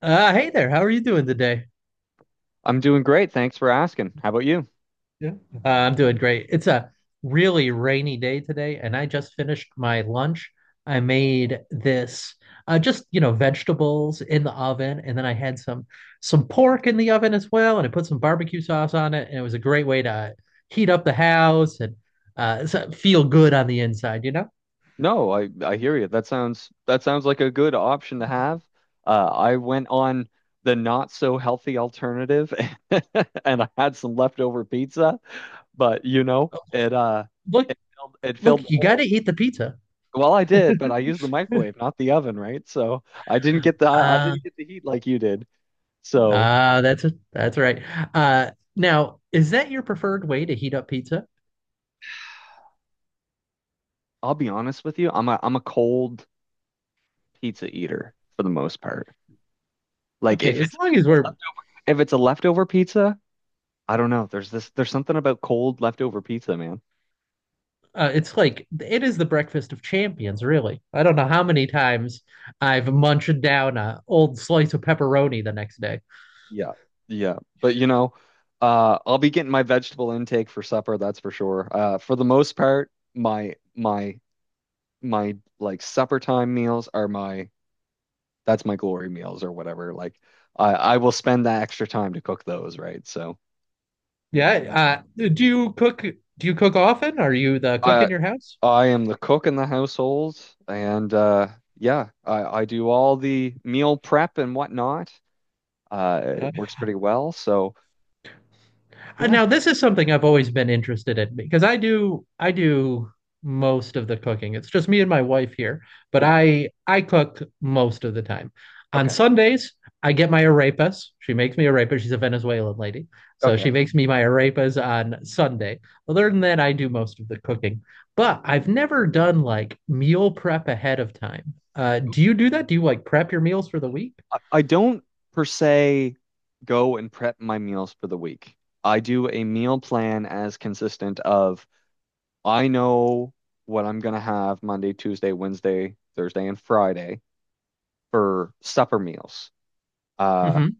Hey there. How are you doing today? I'm doing great. Thanks for asking. How about you? Yeah. I'm doing great. It's a really rainy day today, and I just finished my lunch. I made this vegetables in the oven, and then I had some pork in the oven as well, and I put some barbecue sauce on it, and it was a great way to heat up the house and feel good on the inside, No, I hear you. That sounds like a good option to have. I went on the not so healthy alternative, and I had some leftover pizza, but you know, it uh Look, it filled, it filled look, the you got to hole. eat the pizza. Well, I did, but I used the microwave, not the oven, right? So I didn't get the I Uh, didn't get the heat like you did. So that's right. Uh, now, is that your preferred way to heat up pizza? I'll be honest with you, I'm a cold pizza eater for the most part. Like Okay, as long as we're, if it's a leftover pizza. I don't know. There's something about cold leftover pizza, man. uh, it's like it is the breakfast of champions, really. I don't know how many times I've munched down a old slice of pepperoni the next day. Yeah, yeah. But I'll be getting my vegetable intake for supper, that's for sure. For the most part, my like supper time meals are my that's my glory meals or whatever. Like I will spend that extra time to cook those, right? So Yeah, do you cook? Do you cook often? Are you the cook in I your house? I am the cook in the household, and yeah, I do all the meal prep and whatnot. Uh, It works pretty well. So yeah, Now, this is something I've always been interested in because I do most of the cooking. It's just me and my wife here, but yeah. I cook most of the time. On Okay. Sundays, I get my arepas. She makes me arepas. She's a Venezuelan lady, so Okay. she makes me my arepas on Sunday. Other than that, I do most of the cooking. But I've never done like meal prep ahead of time. Do you do that? Do you like prep your meals for the week? I don't per se go and prep my meals for the week. I do a meal plan as consistent of I know what I'm gonna have Monday, Tuesday, Wednesday, Thursday, and Friday for supper meals. Uh, hmm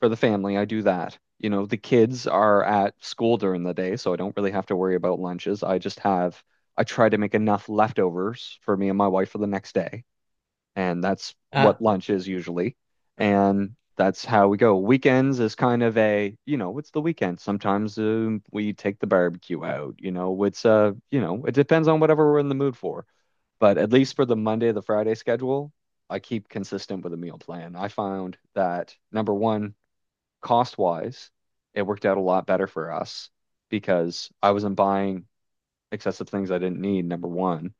for the family, I do that. You know, the kids are at school during the day, so I don't really have to worry about lunches. I just have I try to make enough leftovers for me and my wife for the next day, and that's Uh, what lunch is usually. And that's how we go. Weekends is kind of a, it's the weekend. Sometimes we take the barbecue out, it depends on whatever we're in the mood for. But at least for the Monday the Friday schedule, I keep consistent with a meal plan. I found that number one, cost wise, it worked out a lot better for us because I wasn't buying excessive things I didn't need, number one.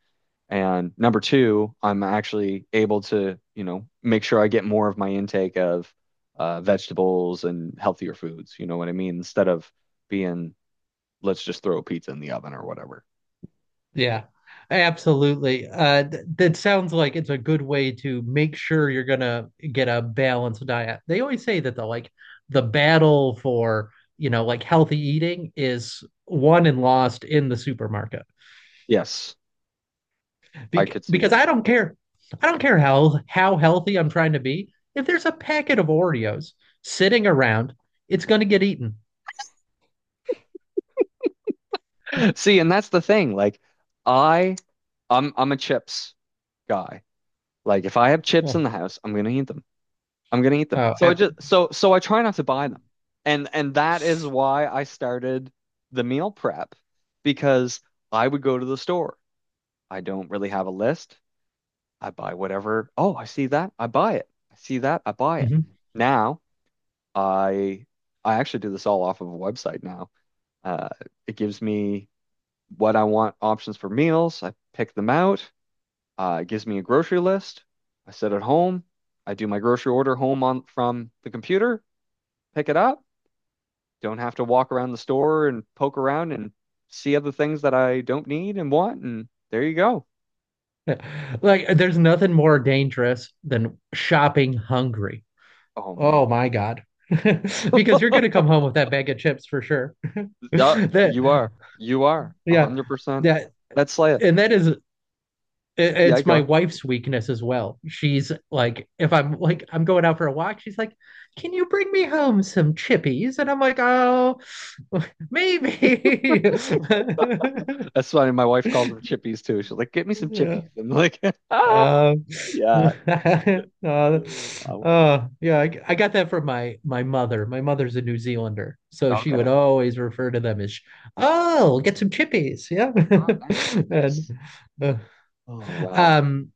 And number two, I'm actually able to, make sure I get more of my intake of vegetables and healthier foods. You know what I mean? Instead of being, let's just throw a pizza in the oven or whatever. yeah, absolutely. Th that sounds like it's a good way to make sure you're gonna get a balanced diet. They always say that the battle for, you know, like healthy eating is won and lost in the supermarket. Yes, I could see Because that. I don't care. I don't care how healthy I'm trying to be. If there's a packet of Oreos sitting around, it's going to get eaten. See, and that's the thing. Like, I, I'm a chips guy. Like, if I have chips Oh, in the house, I'm gonna eat them. I'm gonna eat them. oh So I ep- just so so I try not to buy them. And that is why I started the meal prep because I would go to the store. I don't really have a list. I buy whatever. Oh, I see that. I buy it. I see that. I buy it. mhm. Now I I actually do this all off of a website now. Uh, it gives me what I want options for meals. I pick them out. It gives me a grocery list. I sit at home. I do my grocery order home on from the computer, pick it up. Don't have to walk around the store and poke around and see other things that I don't need and want. And there you go. Like there's nothing more dangerous than shopping hungry. Oh man, Oh my God. Because you're going to come home with that bag of chips for sure. That, you are a yeah, hundred percent. that, That's Leia. and that is Yeah, I it's my go. wife's weakness as well. She's like, if I'm like, I'm going out for a walk, she's like, can you bring me home some chippies? And I'm like, oh, maybe. That's funny. My wife calls them chippies too. She's like, "Get me some chippies." I'm like, ah, Uh, yeah. uh, Oh, wow. Yeah, I got that from my mother. My mother's a New Zealander, so she would Okay. always refer to them as, "Oh, get some chippies." Yeah, Oh, nice, and nice. uh, Oh wow. um,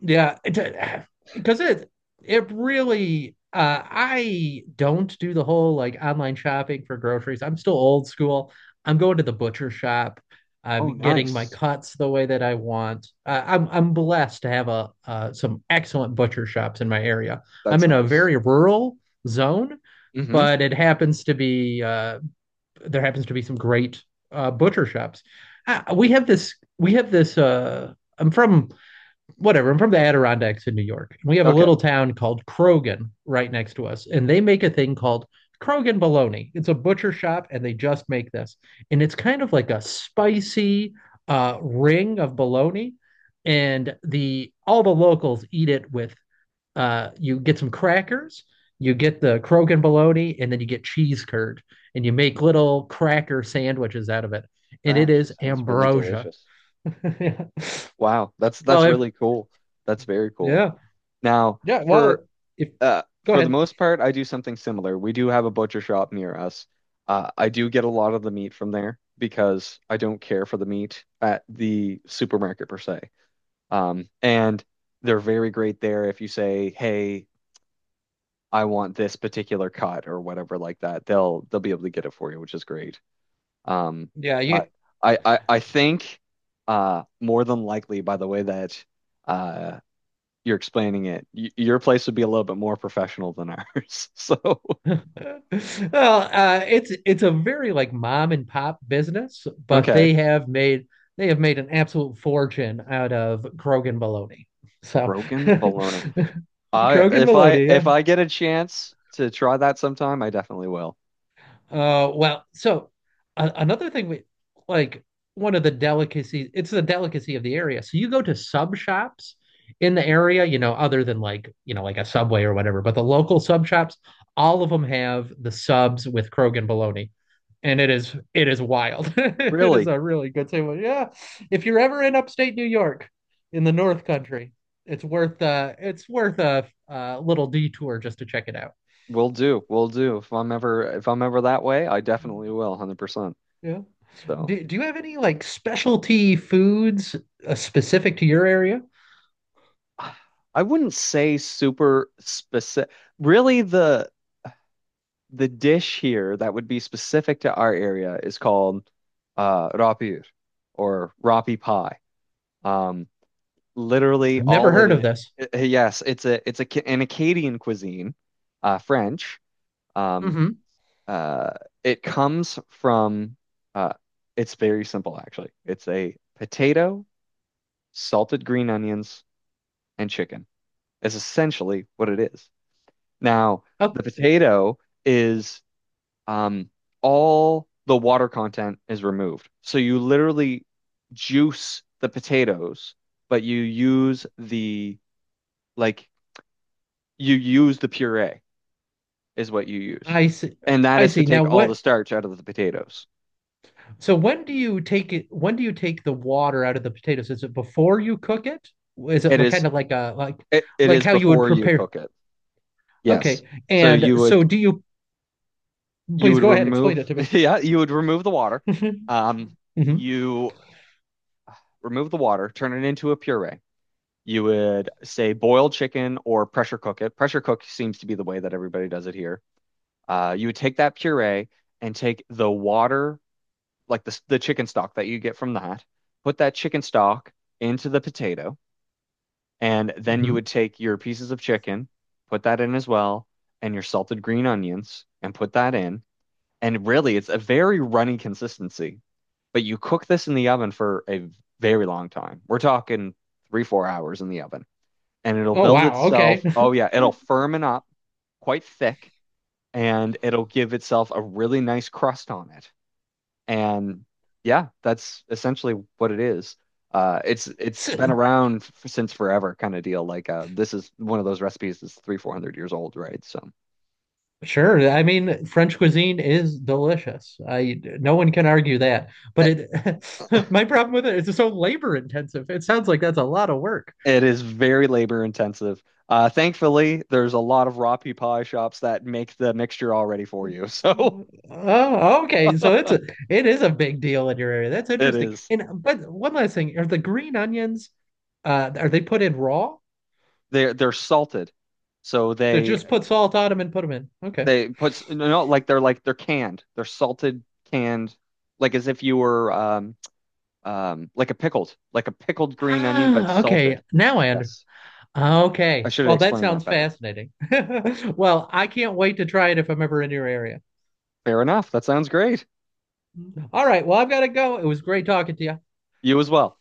yeah, because it really I don't do the whole like online shopping for groceries. I'm still old school. I'm going to the butcher shop. I'm Oh, getting my nice. cuts the way that I want. I'm blessed to have a some excellent butcher shops in my area. I'm That's in a nice. very rural zone, Mm-hmm. but it happens to be some great butcher shops. We have this I'm from whatever. I'm from the Adirondacks in New York. We have a Okay. little town called Krogan right next to us, and they make a thing called Krogan bologna. It's a butcher shop, and they just make this, and it's kind of like a spicy ring of bologna, and the all the locals eat it with. You get some crackers, you get the Krogan bologna, and then you get cheese curd, and you make little cracker sandwiches out of it, and That it actually is sounds really ambrosia. delicious. Wow, that's well, that's if really cool. That's very cool. yeah, Now, Yeah, well, for if go for the ahead. most part, I do something similar. We do have a butcher shop near us. I do get a lot of the meat from there because I don't care for the meat at the supermarket per se. And they're very great there if you say, "Hey, I want this particular cut or whatever like that." They'll be able to get it for you, which is great. Um, Yeah, you but I think more than likely by the way that uh you're explaining it, Y your place would be a little bit more professional than ours. So, Well, it's a very like mom and pop business, but okay. They have made an absolute fortune out of Krogan bologna. So Krogan bologna. I Krogan if I bologna, yeah. if I get a chance to try that sometime, I definitely will. Uh well, so another thing we like one of the delicacies, it's the delicacy of the area. So you go to sub shops in the area, you know, other than like, you know, like a Subway or whatever, but the local sub shops, all of them have the subs with Krogan bologna. And it is wild. It is Really, a really good sandwich. Yeah. If you're ever in upstate New York in the North Country, it's worth a little detour just to check it out. will do. Will do. If I'm ever that way, I definitely will, 100%. Yeah. So, Do you have any like specialty foods specific to your area? I wouldn't say super specific. Really, the dish here that would be specific to our area is called uh rapir rapi pie. Um Literally I've never all it heard of is. this. Yes, it's an Acadian cuisine, French. Um, Hmm. uh, it comes from. Uh, it's very simple, actually. It's a potato, salted green onions, and chicken. Is essentially what it is. Now, Oh, the potato is um, all the water content is removed, so you literally juice the potatoes, but like you use the puree is what you use, I see. and that I is to see. Now take all the what? starch out of the potatoes. So when do you take it? When do you take the water out of the potatoes? Is it before you cook it? Is it It like, is kind of like a like it, it like is how you would before you prepare? cook it. Yes. Okay. So And you so would do you? you Please would go ahead, explain remove it to me. yeah you would remove the water. Um, Hmm. you remove the water, turn it into a puree. You would say boil chicken or pressure cook it. Pressure cook seems to be the way that everybody does it here. You would take that puree and take the water like the chicken stock that you get from that, put that chicken stock into the potato, and then you would Hmm. take your pieces of chicken, put that in as well, and your salted green onions, and put that in. And really, it's a very runny consistency. But you cook this in the oven for a very long time. We're talking 3, 4 hours in the oven, and it'll Oh build wow, okay. itself. Oh yeah, it'll firmen up quite thick, and it'll give itself a really nice crust on it. And yeah, that's essentially what it is. It's been around f since forever, kind of deal. Like this is one of those recipes that's 3, 400 years old, right? So Sure. I mean, French cuisine is delicious. I no one can argue that. i- But it my problem with it is it's so labor intensive. It sounds like that's a lot of work. it is very labor intensive. Thankfully, there's a lot of raw pea pie shops that make the mixture already for you. So Oh, okay. So it is a big deal in your area. That's it interesting. is. And but one last thing, are the green onions are they put in raw? They're salted, so They just put salt on them and put them in. Okay. No no, like they're canned. They're salted canned, like as if you were like a pickled green onion, but Ah, okay. salted. Now I understand. Yes, I Okay. should have Well, that explained that sounds better. fascinating. Well, I can't wait to try it if I'm ever in your area. Fair enough. That sounds great. All right. Well, I've got to go. It was great talking to you. You as well.